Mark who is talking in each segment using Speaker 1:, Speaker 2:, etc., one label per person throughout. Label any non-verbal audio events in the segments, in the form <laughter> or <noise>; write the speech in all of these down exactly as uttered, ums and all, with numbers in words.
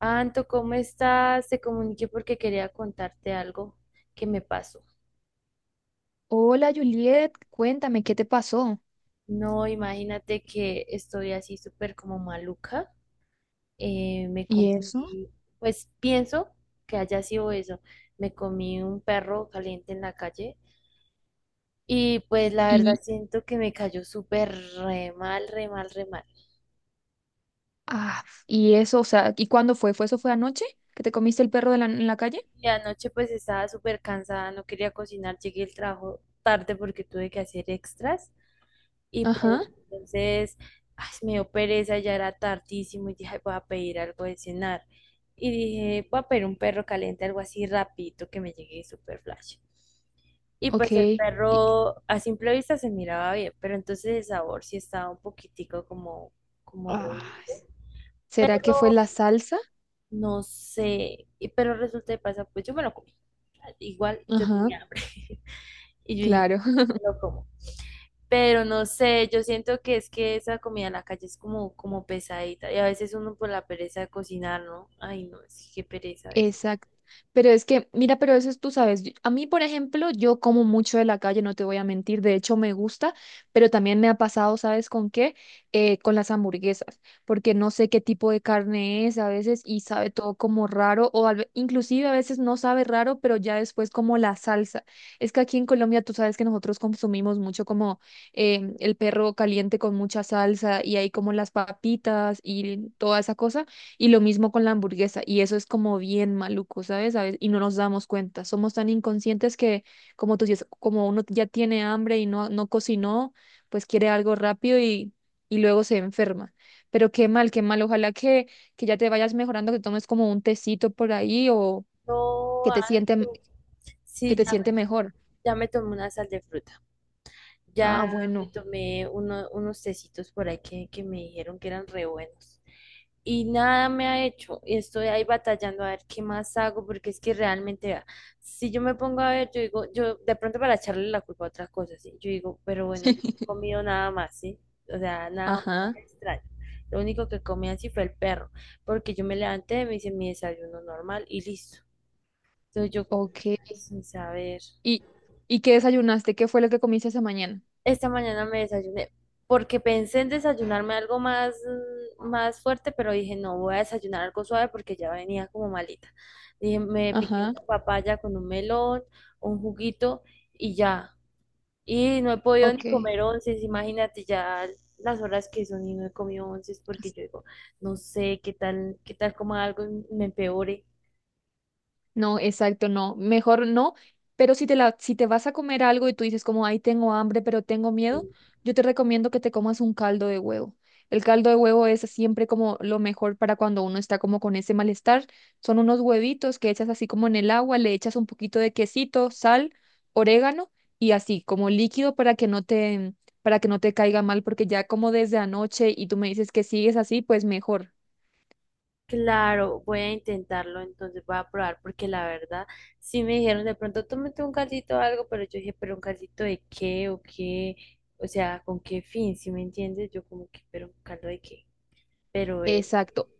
Speaker 1: Anto, ¿cómo estás? Te comuniqué porque quería contarte algo que me pasó.
Speaker 2: Hola Juliet, cuéntame qué te pasó.
Speaker 1: No, imagínate que estoy así súper como maluca. Eh, me
Speaker 2: ¿Y eso?
Speaker 1: comí, pues pienso que haya sido eso. Me comí un perro caliente en la calle y pues la verdad
Speaker 2: Y,
Speaker 1: siento que me cayó súper re mal, re mal, re mal.
Speaker 2: ah, y eso, o sea, ¿y cuándo fue? ¿Fue eso fue anoche que te comiste el perro de la- en la calle?
Speaker 1: Y anoche pues estaba súper cansada, no quería cocinar, llegué al trabajo tarde porque tuve que hacer extras. Y pues
Speaker 2: Ajá.
Speaker 1: entonces ay, me dio pereza, ya era tardísimo y dije, "Ay, voy a pedir algo de cenar. Y dije, voy a pedir un perro caliente, algo así rapidito que me llegue super flash. Y
Speaker 2: Ok.
Speaker 1: pues el
Speaker 2: y-
Speaker 1: perro a simple vista se miraba bien, pero entonces el sabor sí estaba un poquitico como, como re-
Speaker 2: Ay, ¿será que fue
Speaker 1: Pero
Speaker 2: la salsa?
Speaker 1: no sé, y- pero resulta y pasa, pues yo me lo comí. Igual yo
Speaker 2: Ajá,
Speaker 1: tenía hambre. <laughs> Y yo dije,
Speaker 2: claro.
Speaker 1: me lo como. Pero no sé, yo siento que es que esa comida en la calle es como, como pesadita y a veces uno por la pereza de cocinar, ¿no? Ay, no, sí, qué pereza a veces.
Speaker 2: Exacto. Pero es que, mira, pero eso es, tú sabes, yo- a mí, por ejemplo, yo como mucho de la calle, no te voy a mentir, de hecho me gusta, pero también me ha pasado, ¿sabes con qué? Eh, con las hamburguesas, porque no sé qué tipo de carne es a veces y sabe todo como raro, o al ve- inclusive a veces no sabe raro, pero ya después como la salsa. Es que aquí en Colombia tú sabes que nosotros consumimos mucho como eh, el perro caliente con mucha salsa y hay como las papitas y toda esa cosa, y lo mismo con la hamburguesa, y eso es como bien maluco, ¿sabes? ¿Sabes? Y no nos damos cuenta. Somos tan inconscientes que, como tú dices, como uno ya tiene hambre y no, no cocinó, pues quiere algo rápido y, y luego se enferma. Pero qué mal, qué mal. Ojalá que, que ya te vayas mejorando, que tomes como un tecito por ahí o
Speaker 1: No,
Speaker 2: que te siente,
Speaker 1: harto.
Speaker 2: que
Speaker 1: Sí,
Speaker 2: te
Speaker 1: ya, me-
Speaker 2: siente mejor.
Speaker 1: ya me tomé una sal de fruta.
Speaker 2: Ah,
Speaker 1: Ya me
Speaker 2: bueno.
Speaker 1: tomé uno- unos tecitos por ahí que, que me dijeron que eran re buenos. Y nada me ha hecho. Y estoy ahí batallando a ver qué más hago, porque es que realmente, vea, si yo me pongo a ver, yo digo, yo de pronto para echarle la culpa a otras cosas, ¿sí? Yo digo, pero bueno, yo no he comido nada más, ¿sí? O sea, nada, nada
Speaker 2: Ajá.
Speaker 1: extraño. Lo único que comí así fue el perro, porque yo me levanté, me hice mi desayuno normal y listo. Entonces yo como
Speaker 2: Ok.
Speaker 1: que, ay, sin saber.
Speaker 2: ¿Y, ¿y qué desayunaste? ¿Qué fue lo que comiste esa mañana?
Speaker 1: Esta mañana me desayuné porque pensé en desayunarme algo más, mm, más fuerte, pero dije, no, voy a desayunar algo suave porque ya venía como malita. Dije, me piqué
Speaker 2: Ajá.
Speaker 1: una papaya con un melón, un juguito y ya. Y no he podido
Speaker 2: Ok.
Speaker 1: ni comer onces, imagínate ya las horas que son y no he comido onces porque yo digo, no sé qué tal, qué tal coma algo y me empeore.
Speaker 2: No, exacto, no. Mejor no, pero si te la, si te vas a comer algo y tú dices como, ay, tengo hambre, pero tengo miedo, yo te recomiendo que te comas un caldo de huevo. El caldo de huevo es siempre como lo mejor para cuando uno está como con ese malestar. Son unos huevitos que echas así como en el agua, le echas un poquito de quesito, sal, orégano y así como líquido para que no te, para que no te caiga mal, porque ya como desde anoche y tú me dices que sigues así, pues mejor.
Speaker 1: Claro, voy a intentarlo, entonces voy a probar, porque la verdad, sí me dijeron de pronto, tómate un caldito o algo, pero yo dije, pero un caldito de qué o qué, o sea, con qué fin, si me entiendes, yo como que, pero un caldo de qué, pero ve,
Speaker 2: Exacto.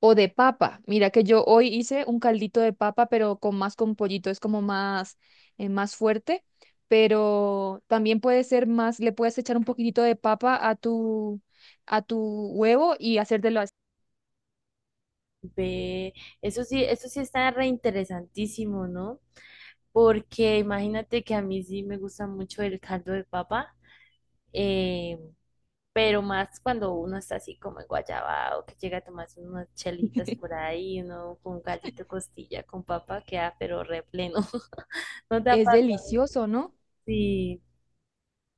Speaker 2: O de papa. Mira que yo hoy hice un caldito de papa, pero con más con pollito, es como más, eh, más fuerte. Pero también puede ser más, le puedes echar un poquitito de papa a tu, a tu huevo y hacértelo así.
Speaker 1: ve, eso sí, eso sí está re interesantísimo, ¿no? Porque imagínate que a mí sí me gusta mucho el caldo de papa. em, Pero más cuando uno está así como en Guayabao, que llega a tomarse unas chelitas por
Speaker 2: <laughs>
Speaker 1: ahí, uno con un gallito de costilla con papa, queda pero re pleno. <laughs> No te
Speaker 2: Es
Speaker 1: aparta.
Speaker 2: delicioso, ¿no?
Speaker 1: Sí,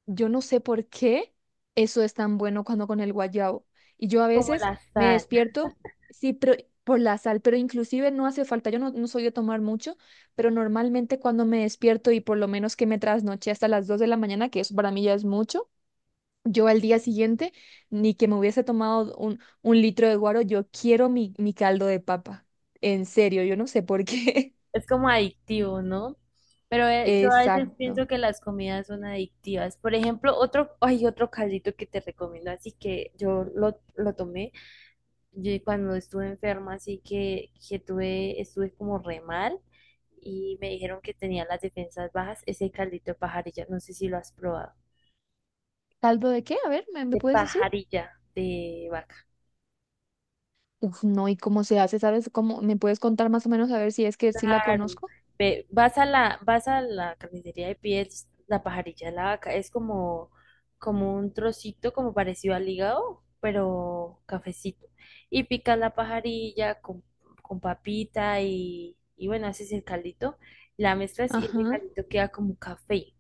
Speaker 2: Yo no sé por qué eso es tan bueno cuando con el guayabo. Y yo a
Speaker 1: como
Speaker 2: veces
Speaker 1: la
Speaker 2: me
Speaker 1: sal.
Speaker 2: despierto, sí, pero por la sal, pero inclusive no hace falta, yo no, no soy de tomar mucho, pero normalmente cuando me despierto y por lo menos que me trasnoché hasta las dos de la mañana, que eso para mí ya es mucho, yo al día siguiente, ni que me hubiese tomado un, un litro de guaro, yo quiero mi, mi caldo de papa. En serio, yo no sé por qué.
Speaker 1: Es como adictivo, ¿no? Pero
Speaker 2: <laughs>
Speaker 1: eh, yo a veces
Speaker 2: Exacto.
Speaker 1: pienso que las comidas son adictivas. Por ejemplo, otro, hay otro caldito que te recomiendo, así que yo lo, lo tomé. Yo cuando estuve enferma, así que, que tuve, estuve como re mal y me dijeron que tenía las defensas bajas, ese caldito de pajarilla, no sé si lo has probado,
Speaker 2: ¿Caldo de qué? A ver, ¿me, me
Speaker 1: de
Speaker 2: puedes decir?
Speaker 1: pajarilla de vaca.
Speaker 2: Uf, no, ¿y cómo se hace? ¿Sabes cómo? ¿Me puedes contar más o menos a ver si es que sí la
Speaker 1: Claro,
Speaker 2: conozco?
Speaker 1: ve- vas a la, vas a la carnicería de pies, la pajarilla de la vaca, es como, como un trocito como parecido al hígado, pero cafecito. Y picas la pajarilla con, con papita y, y bueno, haces el caldito, la mezclas y ese
Speaker 2: Ajá.
Speaker 1: caldito queda como café.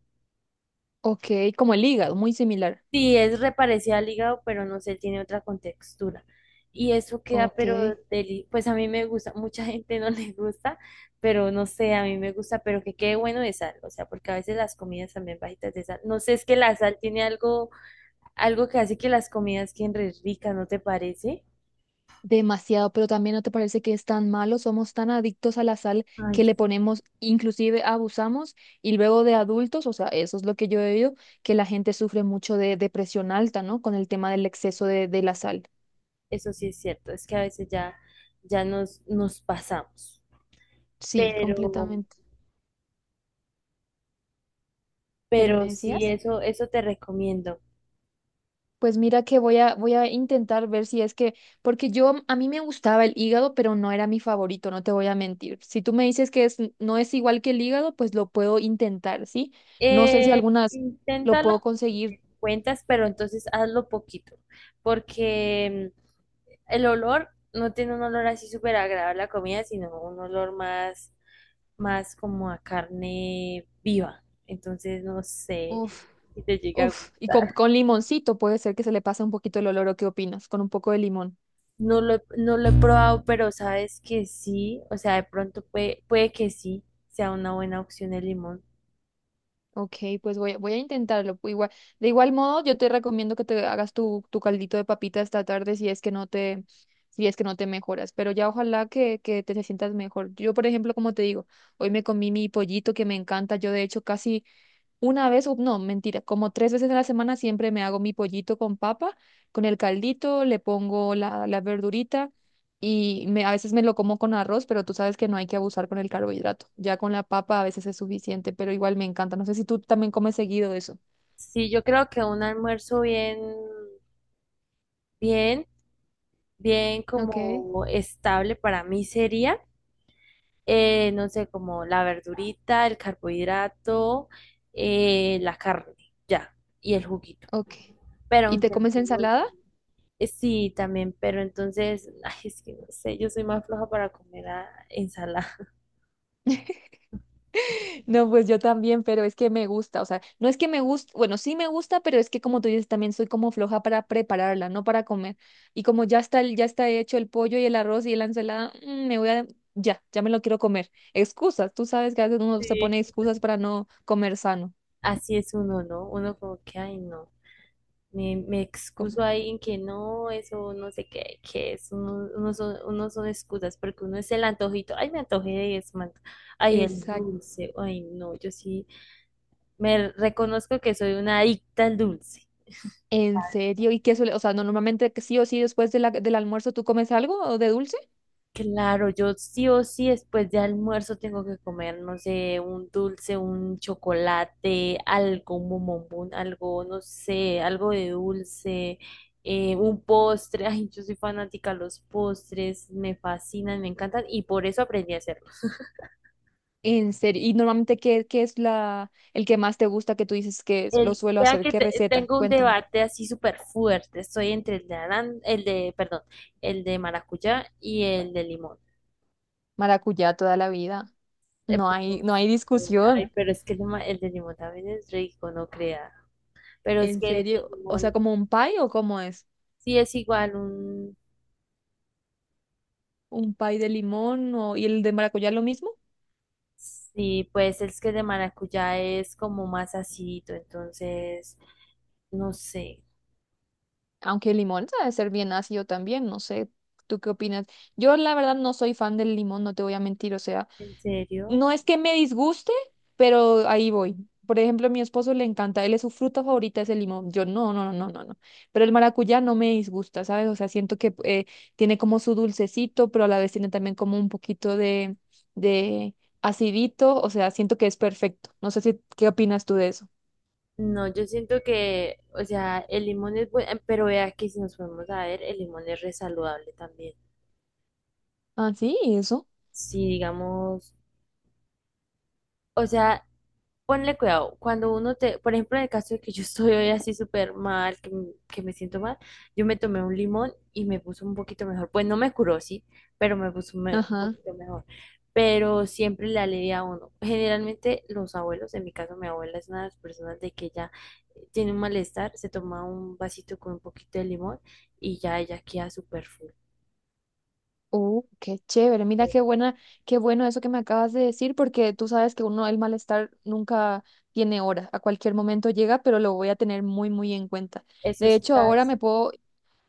Speaker 2: Ok, como el hígado, muy similar.
Speaker 1: Sí, es reparecida al hígado, pero no sé, tiene otra contextura. Y eso queda,
Speaker 2: Ok,
Speaker 1: pero deli- pues a mí me gusta, mucha gente no <laughs> le gusta, pero no sé, a mí me gusta, pero que quede bueno de sal, o sea, porque a veces las comidas también bajitas de sal. No sé, es que la sal tiene algo, algo que hace que las comidas queden re ricas, ¿no te parece?
Speaker 2: demasiado, pero también no te parece que es tan malo, somos tan adictos a la sal
Speaker 1: Ay,
Speaker 2: que le ponemos, inclusive abusamos, y luego de adultos, o sea, eso es lo que yo he oído, que la gente sufre mucho de depresión alta, ¿no? Con el tema del exceso de, de la sal.
Speaker 1: eso sí es cierto, es que a veces ya, ya nos, nos pasamos.
Speaker 2: Sí,
Speaker 1: Pero,
Speaker 2: completamente. ¿Pero me
Speaker 1: pero sí,
Speaker 2: decías?
Speaker 1: eso, eso te recomiendo.
Speaker 2: Pues mira que voy a, voy a intentar ver si es que, porque yo, a mí me gustaba el hígado, pero no era mi favorito, no te voy a mentir. Si tú me dices que es, no es igual que el hígado, pues lo puedo intentar, ¿sí? No sé si
Speaker 1: Eh,
Speaker 2: algunas lo
Speaker 1: inténtalo
Speaker 2: puedo
Speaker 1: y
Speaker 2: conseguir,
Speaker 1: te cuentas, pero entonces hazlo poquito, porque mm, el olor no tiene un olor así súper agradable a comida, sino un olor más, más como a carne viva. Entonces no sé
Speaker 2: uf,
Speaker 1: si te llega a
Speaker 2: uf, y con,
Speaker 1: gustar.
Speaker 2: con limoncito puede ser que se le pase un poquito el olor, ¿o qué opinas? Con un poco de limón.
Speaker 1: No lo, he- no lo he probado, pero sabes que sí, o sea, de pronto puede, puede que sí sea una buena opción el limón.
Speaker 2: Ok, pues voy, a- voy a intentarlo. pu- Igual, de igual modo, yo te recomiendo que te hagas tu, tu caldito de papita esta tarde si es que no te, si es que no te mejoras. Pero ya ojalá que, que te sientas mejor. Yo, por ejemplo, como te digo, hoy me comí mi pollito que me encanta. Yo, de hecho, casi una vez, u- no, mentira, como tres veces a la semana siempre me hago mi pollito con papa, con el caldito, le pongo la, la verdurita y me, a veces me lo como con arroz, pero tú sabes que no hay que abusar con el carbohidrato. Ya con la papa a veces es suficiente, pero igual me encanta. No sé si tú también comes seguido eso.
Speaker 1: Sí, yo creo que un almuerzo bien, bien. bien
Speaker 2: Ok.
Speaker 1: como estable para mí sería, eh, no sé, como la verdurita, el carbohidrato, eh, la carne, ya, y el juguito.
Speaker 2: Ok.
Speaker 1: Pero
Speaker 2: ¿Y te
Speaker 1: aunque el
Speaker 2: comes
Speaker 1: jugo es-
Speaker 2: ensalada?
Speaker 1: eh, Sí, también, pero entonces, <laughs> ay, es que no sé, yo soy más floja para comer ah, ensalada.
Speaker 2: <laughs> No, pues yo también, pero es que me gusta, o sea, no es que me guste, bueno, sí me gusta, pero es que como tú dices, también soy como floja para prepararla, no para comer. Y como ya está, el- ya está hecho el pollo y el arroz y la ensalada, mm, me voy a, ya, ya me lo quiero comer. Excusas, tú sabes que a veces uno se pone
Speaker 1: Sí.
Speaker 2: excusas para no comer sano.
Speaker 1: Así es uno, ¿no? Uno como que, ay, no. Me, me
Speaker 2: Com-
Speaker 1: excuso ahí en que no, eso no sé qué, qué es, uno, uno son, uno son excusas, porque uno es el antojito, ay, me antojé de eso, man. Ay, el
Speaker 2: Exacto.
Speaker 1: dulce, ay, no, yo sí me reconozco que soy una adicta al dulce.
Speaker 2: ¿En serio? ¿Y qué suele, o sea, no, normalmente que sí o sí después de la- del almuerzo tú comes algo o de dulce?
Speaker 1: Claro, yo sí o sí después de almuerzo tengo que comer, no sé, un dulce, un chocolate, algo, un bombombón, algo, no sé, algo de dulce, eh, un postre. <laughs> Ay, yo soy fanática de los postres, me fascinan, me encantan y por eso aprendí a hacerlos.
Speaker 2: ¿En serio? ¿Y normalmente qué, qué es la, el que más te gusta que tú dices que lo
Speaker 1: El,
Speaker 2: suelo
Speaker 1: vea
Speaker 2: hacer?
Speaker 1: que
Speaker 2: ¿Qué
Speaker 1: te-
Speaker 2: receta?
Speaker 1: tengo un
Speaker 2: Cuéntame.
Speaker 1: debate así súper fuerte, estoy entre el de aran- el de, perdón, el de maracuyá y el de limón.
Speaker 2: Maracuyá toda la vida.
Speaker 1: Eh,
Speaker 2: No hay,
Speaker 1: pero,
Speaker 2: no hay
Speaker 1: eh, ay,
Speaker 2: discusión.
Speaker 1: pero es que el de ma- el de limón también es rico, no creas. Pero es
Speaker 2: En
Speaker 1: que el
Speaker 2: serio. O sea,
Speaker 1: limón
Speaker 2: ¿como un pie o cómo es?
Speaker 1: sí es igual un,
Speaker 2: ¿Un pie de limón o, y el de maracuyá lo mismo?
Speaker 1: sí, pues es que el de maracuyá es como más acidito, entonces, no sé,
Speaker 2: Aunque el limón sabe ser bien ácido también, no sé. ¿Tú qué opinas? Yo la verdad no soy fan del limón, no te voy a mentir. O sea,
Speaker 1: ¿en serio?
Speaker 2: no es que me disguste, pero ahí voy. Por ejemplo, a mi esposo le encanta, él es su fruta favorita es el limón. Yo no, no, no, no, no, no. Pero el maracuyá no me disgusta, ¿sabes? O sea, siento que eh, tiene como su dulcecito, pero a la vez tiene también como un poquito de, de acidito. O sea, siento que es perfecto. No sé si, ¿qué opinas tú de eso?
Speaker 1: No, yo siento que, o sea, el limón es bueno, pero vea que si nos podemos a ver, el limón es re saludable también.
Speaker 2: Ah, sí, eso.
Speaker 1: Si digamos, o sea, ponle cuidado, cuando uno te, por ejemplo, en el caso de que yo estoy hoy así súper mal, que, m- que me siento mal, yo me tomé un limón y me puso un poquito mejor. Pues no me curó, sí, pero me puso me- un
Speaker 2: Ajá.
Speaker 1: poquito mejor. Pero siempre le alivia a uno. Generalmente los abuelos, en mi caso mi abuela es una de las personas de que ya tiene un malestar, se toma un vasito con un poquito de limón y ya ella queda súper full.
Speaker 2: Uh, qué chévere. Mira qué buena, qué bueno eso que me acabas de decir, porque tú sabes que uno el malestar nunca tiene hora. A cualquier momento llega, pero lo voy a tener muy, muy en cuenta.
Speaker 1: Eso
Speaker 2: De
Speaker 1: sí,
Speaker 2: hecho, ahora
Speaker 1: ¿sabes?
Speaker 2: me puedo,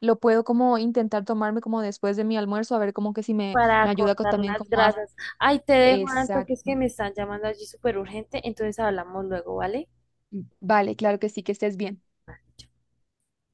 Speaker 2: lo puedo como intentar tomarme como después de mi almuerzo, a ver como que si me,
Speaker 1: Para
Speaker 2: me ayuda co-
Speaker 1: cortar
Speaker 2: también
Speaker 1: las
Speaker 2: como a...
Speaker 1: grasas. Ay, te dejo, Anto, que es que
Speaker 2: Exacto.
Speaker 1: me están llamando allí súper urgente, entonces hablamos luego, ¿vale?
Speaker 2: Vale, claro que sí, que estés bien.